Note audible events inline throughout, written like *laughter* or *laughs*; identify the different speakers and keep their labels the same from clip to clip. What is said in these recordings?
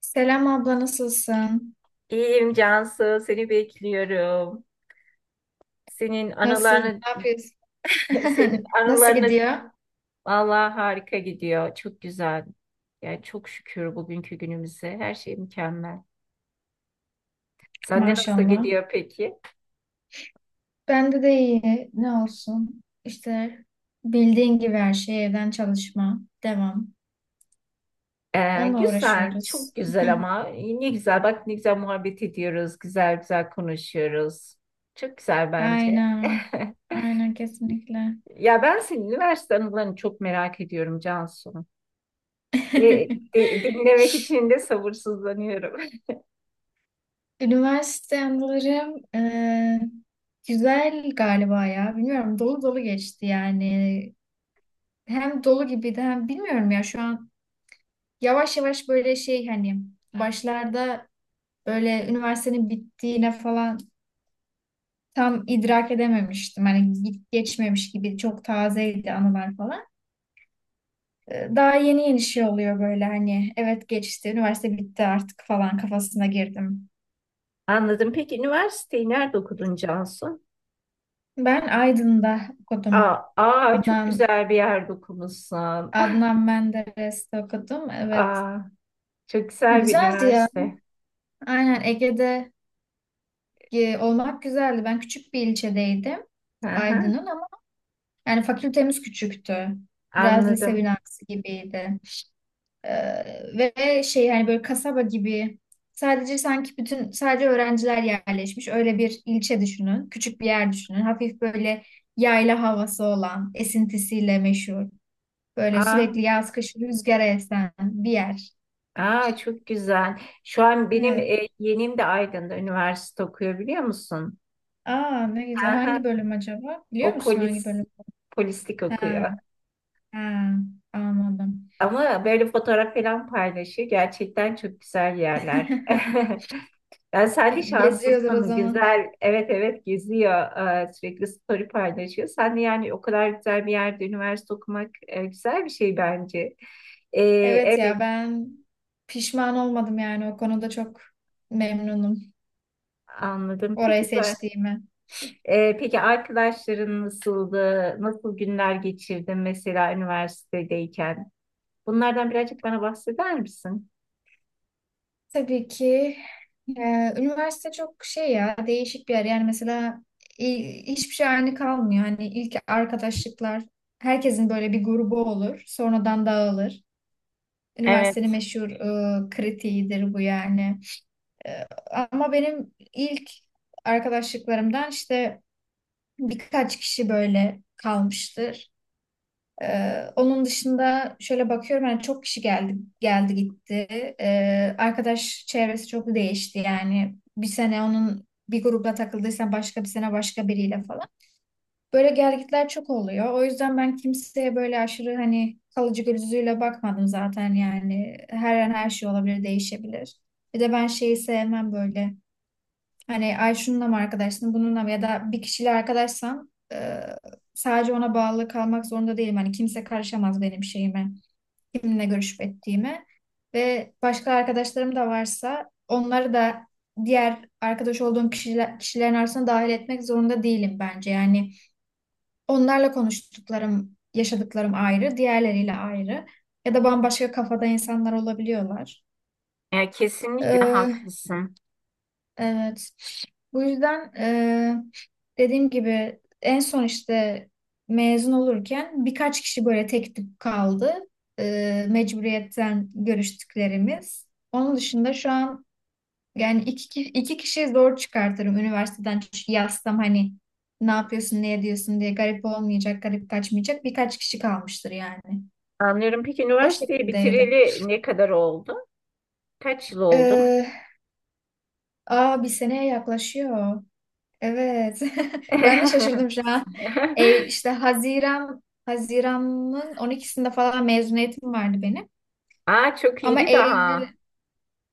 Speaker 1: Selam abla nasılsın?
Speaker 2: İyiyim Cansu, seni bekliyorum. Senin
Speaker 1: Nasıl,
Speaker 2: anılarını,
Speaker 1: ne yapıyorsun?
Speaker 2: *laughs* senin
Speaker 1: *laughs* Nasıl
Speaker 2: anılarını
Speaker 1: gidiyor?
Speaker 2: vallahi harika gidiyor. Çok güzel. Yani çok şükür bugünkü günümüze. Her şey mükemmel. Sende nasıl
Speaker 1: Maşallah.
Speaker 2: gidiyor peki?
Speaker 1: Bende de iyi. Ne olsun? İşte bildiğin gibi her şey evden çalışma. Devam. Onunla
Speaker 2: Güzel,
Speaker 1: uğraşıyoruz.
Speaker 2: çok güzel
Speaker 1: *laughs*
Speaker 2: ama ne güzel. Bak ne güzel muhabbet ediyoruz, güzel güzel konuşuyoruz. Çok güzel bence.
Speaker 1: Aynen.
Speaker 2: *laughs*
Speaker 1: Aynen kesinlikle.
Speaker 2: Ya ben senin üniversite anılarını çok merak ediyorum Cansu. Ve
Speaker 1: *laughs*
Speaker 2: dinlemek için de sabırsızlanıyorum.
Speaker 1: Üniversite anılarım güzel galiba ya. Bilmiyorum dolu dolu geçti yani. Hem dolu gibiydi hem bilmiyorum ya şu an yavaş yavaş böyle şey hani başlarda böyle üniversitenin bittiğine falan tam idrak edememiştim. Hani git geçmemiş gibi çok tazeydi anılar falan. Daha yeni yeni şey oluyor böyle hani evet geçti üniversite bitti artık falan kafasına girdim.
Speaker 2: Anladım. Peki üniversiteyi nerede okudun Cansu?
Speaker 1: Ben Aydın'da
Speaker 2: Aa,
Speaker 1: okudum.
Speaker 2: aa çok
Speaker 1: Adnan
Speaker 2: güzel bir yerde okumuşsun.
Speaker 1: Adnan Menderes'te okudum. Evet.
Speaker 2: Aa, çok güzel bir
Speaker 1: Güzeldi ya.
Speaker 2: üniversite.
Speaker 1: Aynen Ege'de olmak güzeldi. Ben küçük bir ilçedeydim.
Speaker 2: Hı hı,
Speaker 1: Aydın'ın ama yani fakültemiz küçüktü. Biraz lise
Speaker 2: anladım.
Speaker 1: binası gibiydi. Ee, Ve şey hani böyle kasaba gibi sadece sanki bütün sadece öğrenciler yerleşmiş. Öyle bir ilçe düşünün. Küçük bir yer düşünün. Hafif böyle yayla havası olan, esintisiyle meşhur. Böyle
Speaker 2: Aa,
Speaker 1: sürekli yaz kış rüzgara esen bir yer.
Speaker 2: aa çok güzel. Şu an benim
Speaker 1: Evet.
Speaker 2: yeğenim de Aydın'da üniversite okuyor biliyor musun?
Speaker 1: Aa ne güzel.
Speaker 2: Hı hı,
Speaker 1: Hangi bölüm acaba? Biliyor
Speaker 2: o
Speaker 1: musun hangi
Speaker 2: polis
Speaker 1: bölüm?
Speaker 2: polislik
Speaker 1: Ha,
Speaker 2: okuyor.
Speaker 1: ha, anladım.
Speaker 2: Ama böyle fotoğraf falan paylaşıyor. Gerçekten çok güzel yerler.
Speaker 1: *laughs*
Speaker 2: *laughs* Yani sen de
Speaker 1: Geziyordur o
Speaker 2: şanslısın.
Speaker 1: zaman.
Speaker 2: Güzel. Evet evet geziyor. Sürekli story paylaşıyor. Sen de yani o kadar güzel bir yerde üniversite okumak güzel bir şey bence. Ee,
Speaker 1: Evet
Speaker 2: evet
Speaker 1: ya ben pişman olmadım yani o konuda çok memnunum
Speaker 2: anladım.
Speaker 1: orayı seçtiğime.
Speaker 2: Peki arkadaşların nasıldı? Nasıl günler geçirdin mesela üniversitedeyken? Bunlardan birazcık bana bahseder misin?
Speaker 1: Tabii ki e, üniversite çok şey ya değişik bir yer yani mesela hiçbir şey aynı kalmıyor. Hani ilk arkadaşlıklar herkesin böyle bir grubu olur sonradan dağılır. Üniversitenin
Speaker 2: Evet,
Speaker 1: meşhur kritiğidir bu yani. E, Ama benim ilk arkadaşlıklarımdan işte birkaç kişi böyle kalmıştır. Onun dışında şöyle bakıyorum yani çok kişi geldi gitti. Arkadaş çevresi çok değişti yani bir sene onun bir grupla takıldıysan başka bir sene başka biriyle falan. Böyle gelgitler çok oluyor. O yüzden ben kimseye böyle aşırı hani kalıcı gözüyle bakmadım zaten yani her an her şey olabilir değişebilir. Bir de ben şeyi sevmem böyle. Hani ay şununla mı arkadaşsın bununla mı ya da bir kişiyle arkadaşsam sadece ona bağlı kalmak zorunda değilim. Hani kimse karışamaz benim şeyime, kiminle görüşüp ettiğime. Ve başka arkadaşlarım da varsa onları da diğer arkadaş olduğum kişiler, kişilerin arasına dahil etmek zorunda değilim bence. Yani onlarla konuştuklarım, yaşadıklarım ayrı, diğerleriyle ayrı. Ya da bambaşka kafada insanlar olabiliyorlar.
Speaker 2: ya kesinlikle haklısın.
Speaker 1: Evet. Bu yüzden dediğim gibi en son işte mezun olurken birkaç kişi böyle tek tip kaldı. Mecburiyetten görüştüklerimiz. Onun dışında şu an yani iki kişiyi zor çıkartırım üniversiteden. Çünkü yazsam hani ne yapıyorsun, ne ediyorsun diye garip olmayacak, garip kaçmayacak birkaç kişi kalmıştır yani.
Speaker 2: Anlıyorum. Peki
Speaker 1: O
Speaker 2: üniversiteyi
Speaker 1: şekildeydi.
Speaker 2: bitireli ne kadar oldu? Kaç yıl oldu?
Speaker 1: Eee aa bir seneye yaklaşıyor. Evet. *laughs* Ben de şaşırdım şu an.
Speaker 2: *laughs*
Speaker 1: İşte Haziran'ın 12'sinde falan mezuniyetim vardı benim.
Speaker 2: Aa, çok
Speaker 1: Ama
Speaker 2: yeni
Speaker 1: Eylül
Speaker 2: daha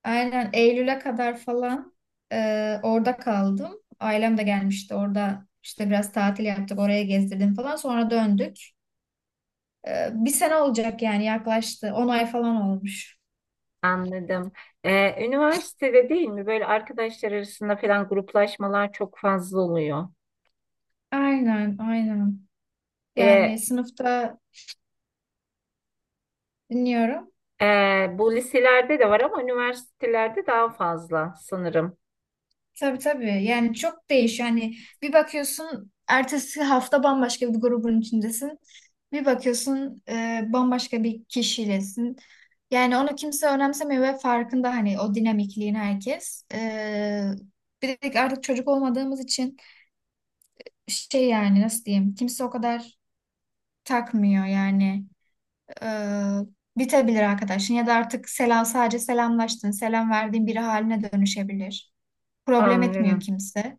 Speaker 1: aynen Eylül'e kadar falan orada kaldım. Ailem de gelmişti. Orada İşte biraz tatil yaptık. Oraya gezdirdim falan. Sonra döndük. Bir sene olacak yani yaklaştı. 10 ay falan olmuş.
Speaker 2: anladım. Üniversitede değil mi böyle arkadaşlar arasında falan gruplaşmalar çok fazla oluyor.
Speaker 1: Aynen, aynen.
Speaker 2: Ee,
Speaker 1: Yani sınıfta dinliyorum.
Speaker 2: Bu liselerde de var ama üniversitelerde daha fazla sanırım.
Speaker 1: Tabii tabii. Yani çok değişiyor. Hani bir bakıyorsun ertesi hafta bambaşka bir grubun içindesin. Bir bakıyorsun bambaşka bir kişiylesin. Yani onu kimse önemsemiyor ve farkında hani o dinamikliğin herkes. Bir de artık çocuk olmadığımız için şey yani nasıl diyeyim kimse o kadar takmıyor yani. E, Bitebilir arkadaşın ya da artık selam sadece selamlaştın, selam verdiğin biri haline dönüşebilir. Problem etmiyor
Speaker 2: Anlıyorum.
Speaker 1: kimse.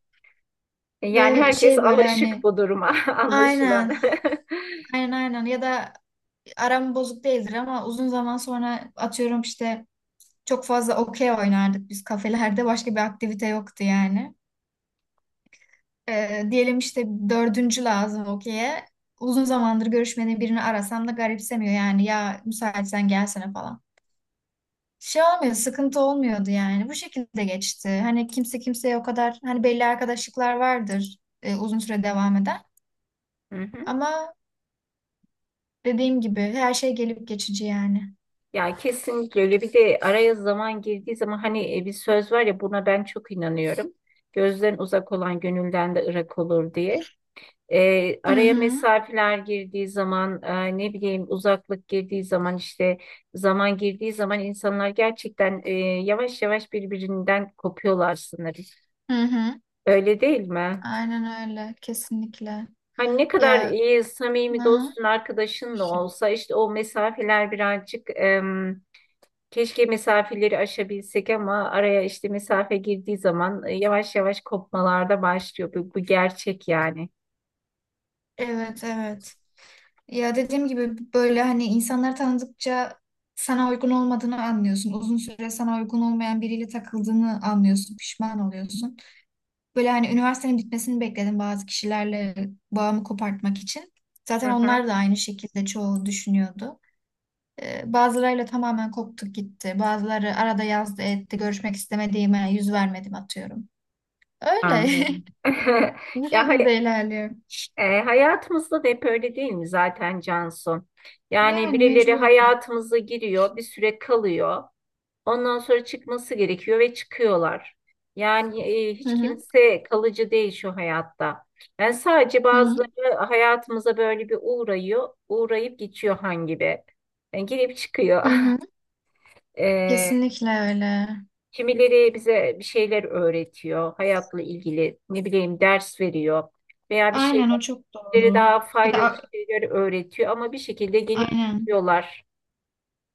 Speaker 2: Yani
Speaker 1: Ve
Speaker 2: herkes
Speaker 1: şey böyle
Speaker 2: alışık
Speaker 1: hani
Speaker 2: bu duruma *laughs* anlaşılan.
Speaker 1: aynen,
Speaker 2: *laughs*
Speaker 1: aynen, aynen ya da aram bozuk değildir ama uzun zaman sonra atıyorum işte çok fazla okey oynardık biz kafelerde. Başka bir aktivite yoktu yani. Diyelim işte dördüncü lazım okey'e. Uzun zamandır görüşmediğim birini arasam da garipsemiyor yani. Ya müsaitsen gelsene falan. Şey olmuyor, sıkıntı olmuyordu yani. Bu şekilde geçti. Hani kimse kimseye o kadar hani belli arkadaşlıklar vardır uzun süre devam eden.
Speaker 2: Hı hı.
Speaker 1: Ama dediğim gibi her şey gelip geçici yani.
Speaker 2: Ya kesinlikle öyle, bir de araya zaman girdiği zaman hani bir söz var ya, buna ben çok inanıyorum. Gözden uzak olan gönülden de ırak olur diye.
Speaker 1: Hı
Speaker 2: Araya
Speaker 1: hı.
Speaker 2: mesafeler girdiği zaman, ne bileyim uzaklık girdiği zaman, işte zaman girdiği zaman insanlar gerçekten yavaş yavaş birbirinden kopuyorlar sanırım.
Speaker 1: Hı hı.
Speaker 2: Öyle değil mi?
Speaker 1: Aynen öyle. Kesinlikle.
Speaker 2: Hani ne kadar
Speaker 1: Ya,
Speaker 2: iyi,
Speaker 1: hı
Speaker 2: samimi
Speaker 1: hı.
Speaker 2: dostun, arkadaşın da olsa işte o mesafeler birazcık keşke mesafeleri aşabilsek ama araya işte mesafe girdiği zaman yavaş yavaş kopmalarda başlıyor. Bu gerçek yani.
Speaker 1: Evet, evet. Ya dediğim gibi böyle hani insanları tanıdıkça sana uygun olmadığını anlıyorsun. Uzun süre sana uygun olmayan biriyle takıldığını anlıyorsun. Pişman oluyorsun. Böyle hani üniversitenin bitmesini bekledim bazı kişilerle bağımı kopartmak için. Zaten
Speaker 2: Hı hı,
Speaker 1: onlar da aynı şekilde çoğu düşünüyordu. Bazılarıyla tamamen koptuk gitti. Bazıları arada yazdı etti. Görüşmek istemediğime yüz vermedim atıyorum. Öyle.
Speaker 2: anlıyorum.
Speaker 1: *laughs*
Speaker 2: *laughs*
Speaker 1: Bu
Speaker 2: Ya hayır,
Speaker 1: şekilde ilerliyor.
Speaker 2: Hayatımızda da hep öyle değil mi zaten Cansu? Yani
Speaker 1: Yani
Speaker 2: birileri
Speaker 1: mecburen.
Speaker 2: hayatımıza giriyor, bir süre kalıyor. Ondan sonra çıkması gerekiyor ve çıkıyorlar. Yani
Speaker 1: Hı
Speaker 2: hiç
Speaker 1: hı.
Speaker 2: kimse kalıcı değil şu hayatta. Yani sadece
Speaker 1: Hı hı.
Speaker 2: bazıları hayatımıza böyle bir uğrayıyor, uğrayıp geçiyor hangi gibi. Yani girip
Speaker 1: Hı
Speaker 2: çıkıyor.
Speaker 1: hı.
Speaker 2: *laughs* E,
Speaker 1: Kesinlikle öyle.
Speaker 2: Kimileri bize bir şeyler öğretiyor, hayatla ilgili ne bileyim ders veriyor veya bir şey,
Speaker 1: Aynen, o çok
Speaker 2: biri
Speaker 1: doğru.
Speaker 2: daha
Speaker 1: Bir de
Speaker 2: faydalı
Speaker 1: a-
Speaker 2: şeyler öğretiyor ama bir şekilde gelip
Speaker 1: aynen.
Speaker 2: diyorlar.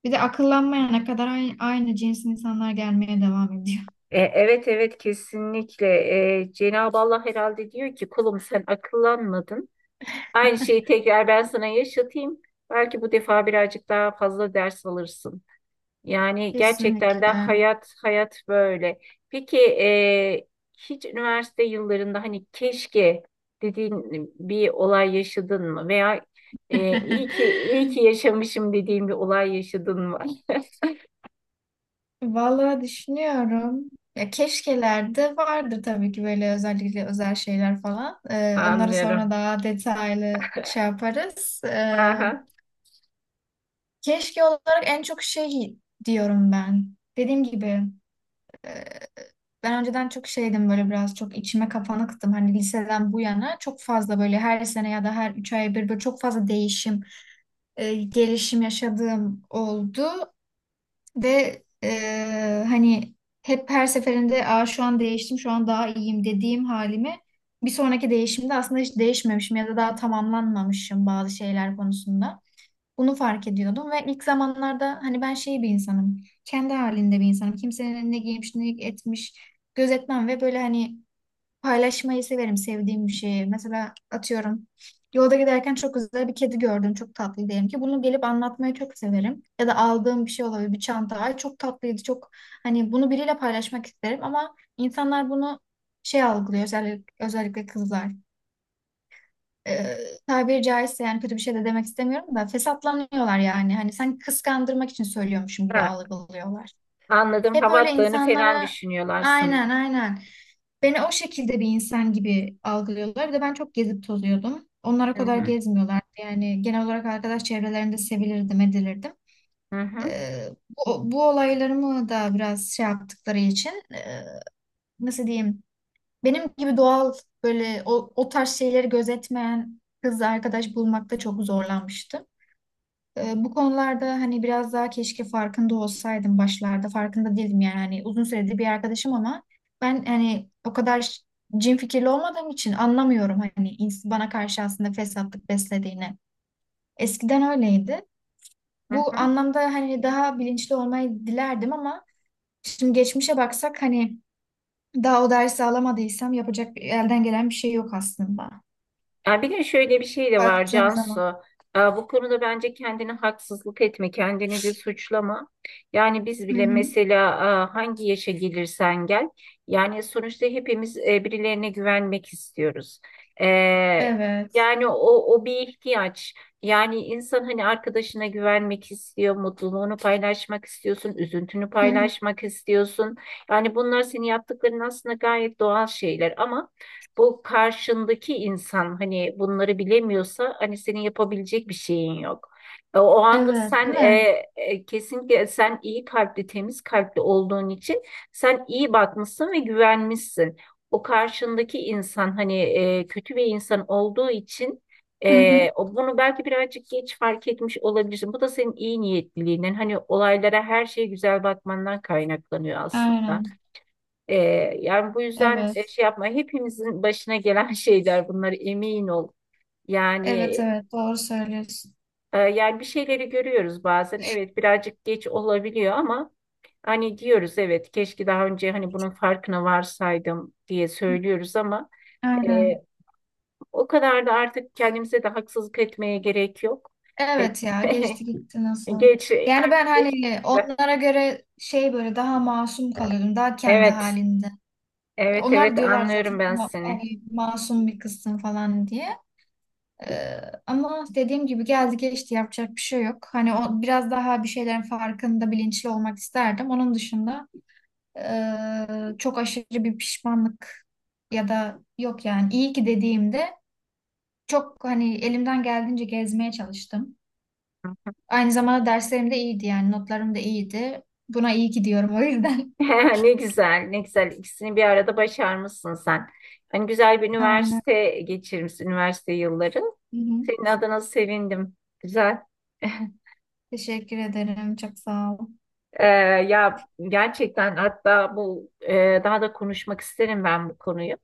Speaker 1: Bir de akıllanmayana kadar aynı cins insanlar gelmeye devam ediyor.
Speaker 2: Evet evet kesinlikle. Cenab-ı Allah herhalde diyor ki kulum sen akıllanmadın. Aynı şeyi tekrar ben sana yaşatayım. Belki bu defa birazcık daha fazla ders alırsın. Yani gerçekten de
Speaker 1: Kesinlikle.
Speaker 2: hayat böyle. Peki hiç üniversite yıllarında hani keşke dediğin bir olay yaşadın mı? Veya iyi ki
Speaker 1: *laughs*
Speaker 2: yaşamışım dediğin bir olay yaşadın mı?
Speaker 1: Vallahi düşünüyorum. Ya keşkelerde vardır tabii ki böyle özellikle özel şeyler falan.
Speaker 2: *laughs*
Speaker 1: Onları sonra
Speaker 2: Anlıyorum.
Speaker 1: daha detaylı şey yaparız.
Speaker 2: Aha.
Speaker 1: Keşke olarak en çok şey diyorum ben. Dediğim gibi e, ben önceden çok şeydim böyle biraz çok içime kapanıktım. Hani liseden bu yana çok fazla böyle her sene ya da her 3 ay bir, böyle çok fazla değişim, gelişim yaşadığım oldu. Ve hani hep her seferinde aa, şu an değiştim, şu an daha iyiyim dediğim halimi bir sonraki değişimde aslında hiç değişmemişim ya da daha tamamlanmamışım bazı şeyler konusunda. Bunu fark ediyordum ve ilk zamanlarda hani ben şey bir insanım, kendi halinde bir insanım. Kimsenin ne giymiş, ne etmiş gözetmem ve böyle hani paylaşmayı severim sevdiğim bir şeyi. Mesela atıyorum yolda giderken çok güzel bir kedi gördüm. Çok tatlı diyelim ki. Bunu gelip anlatmayı çok severim. Ya da aldığım bir şey olabilir. Bir çanta. Ay çok tatlıydı. Çok hani bunu biriyle paylaşmak isterim ama insanlar bunu şey algılıyor. Özellikle kızlar. Ee, Tabiri caizse yani kötü bir şey de demek istemiyorum da fesatlanıyorlar yani. Hani sanki kıskandırmak için söylüyormuşum gibi
Speaker 2: Ha,
Speaker 1: algılıyorlar.
Speaker 2: anladım.
Speaker 1: Hep
Speaker 2: Hava
Speaker 1: öyle
Speaker 2: attığını falan
Speaker 1: insanlara
Speaker 2: düşünüyorlar
Speaker 1: aynen,
Speaker 2: sanırım.
Speaker 1: aynen. Beni o şekilde bir insan gibi algılıyorlar. Bir de ben çok gezip tozuyordum. Onlara
Speaker 2: Hı
Speaker 1: kadar
Speaker 2: hı.
Speaker 1: gezmiyorlardı. Yani genel olarak arkadaş çevrelerinde sevilirdim, edilirdim.
Speaker 2: Hı hı.
Speaker 1: Ee, bu olaylarımı da biraz şey yaptıkları için nasıl diyeyim? Benim gibi doğal böyle o tarz şeyleri gözetmeyen kız arkadaş bulmakta çok zorlanmıştım. Bu konularda hani biraz daha keşke farkında olsaydım başlarda. Farkında değildim yani hani uzun süredir bir arkadaşım ama ben hani o kadar cin fikirli olmadığım için anlamıyorum hani bana karşı aslında fesatlık beslediğini. Eskiden öyleydi.
Speaker 2: Hı
Speaker 1: Bu
Speaker 2: hı.
Speaker 1: anlamda hani daha bilinçli olmayı dilerdim ama şimdi geçmişe baksak hani daha o dersi alamadıysam yapacak elden gelen bir şey yok aslında.
Speaker 2: Ya bir de şöyle bir şey de var
Speaker 1: Baktığım
Speaker 2: Cansu.
Speaker 1: zaman.
Speaker 2: Bu konuda bence kendine haksızlık etme, kendini de suçlama. Yani biz
Speaker 1: Hı
Speaker 2: bile
Speaker 1: hı.
Speaker 2: mesela hangi yaşa gelirsen gel, yani sonuçta hepimiz birilerine güvenmek istiyoruz. Ee,
Speaker 1: Evet.
Speaker 2: Yani o, o bir ihtiyaç. Yani insan hani arkadaşına güvenmek istiyor, mutluluğunu paylaşmak istiyorsun, üzüntünü
Speaker 1: Hı hı.
Speaker 2: paylaşmak istiyorsun. Yani bunlar senin yaptıkların aslında gayet doğal şeyler ama bu karşındaki insan hani bunları bilemiyorsa hani senin yapabilecek bir şeyin yok. O anda
Speaker 1: Evet, değil mi?
Speaker 2: kesinlikle sen iyi kalpli, temiz kalpli olduğun için sen iyi bakmışsın ve güvenmişsin. O karşındaki insan hani kötü bir insan olduğu için
Speaker 1: Hı hı.
Speaker 2: bunu belki birazcık geç fark etmiş olabilirsin. Bu da senin iyi niyetliliğinden, hani olaylara, her şeye güzel bakmandan kaynaklanıyor aslında.
Speaker 1: Aynen.
Speaker 2: Ee, Yani bu yüzden
Speaker 1: Evet.
Speaker 2: şey yapma, hepimizin başına gelen *laughs* şeyler bunlar, emin ol. Yani
Speaker 1: Evet, evet doğru söylüyorsun.
Speaker 2: Yani bir şeyleri görüyoruz bazen. Evet birazcık geç olabiliyor ama hani diyoruz evet keşke daha önce hani bunun farkına varsaydım diye söylüyoruz ama e,
Speaker 1: Aynen.
Speaker 2: o kadar da artık kendimize de haksızlık etmeye gerek yok. E,
Speaker 1: Evet ya geçti gitti
Speaker 2: *laughs*
Speaker 1: nasıl.
Speaker 2: Geç
Speaker 1: Yani ben
Speaker 2: artık geç.
Speaker 1: hani onlara göre şey böyle daha masum kalıyordum. Daha kendi
Speaker 2: Evet,
Speaker 1: halinde.
Speaker 2: evet,
Speaker 1: Onlar
Speaker 2: evet
Speaker 1: diyorlar zaten
Speaker 2: anlıyorum ben seni.
Speaker 1: hani masum bir kızsın falan diye. Ee, Ama dediğim gibi geldi geçti yapacak bir şey yok. Hani o biraz daha bir şeylerin farkında bilinçli olmak isterdim. Onun dışında çok aşırı bir pişmanlık ya da yok yani iyi ki dediğimde çok hani elimden geldiğince gezmeye çalıştım. Aynı zamanda derslerim de iyiydi yani notlarım da iyiydi. Buna iyi gidiyorum o yüzden.
Speaker 2: *laughs* Ne güzel, ne güzel. İkisini bir arada başarmışsın sen. Hani güzel bir
Speaker 1: *laughs* Aynen.
Speaker 2: üniversite geçirmişsin, üniversite yılları.
Speaker 1: Hı hı.
Speaker 2: Senin adına sevindim. Güzel. *laughs*
Speaker 1: Teşekkür ederim. Çok sağ ol.
Speaker 2: Ee, Ya gerçekten, hatta bu daha da konuşmak isterim ben bu konuyu.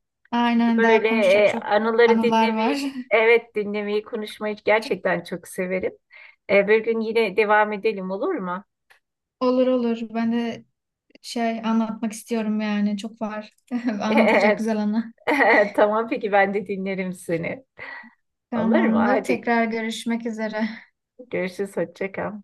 Speaker 2: Çünkü
Speaker 1: Aynen daha
Speaker 2: böyle
Speaker 1: konuşacak çok
Speaker 2: anıları
Speaker 1: anılar
Speaker 2: dinlemeyi,
Speaker 1: var.
Speaker 2: evet dinlemeyi, konuşmayı gerçekten çok severim. Bir gün yine devam edelim olur mu?
Speaker 1: *laughs* Olur, olur. Ben de şey anlatmak istiyorum yani. Çok var. *laughs* Anlatacak güzel
Speaker 2: *laughs*
Speaker 1: anı.
Speaker 2: Tamam peki ben de dinlerim seni. Olur mu?
Speaker 1: Tamamdır.
Speaker 2: Hadi
Speaker 1: Tekrar görüşmek üzere.
Speaker 2: görüşürüz. Hoşça kal.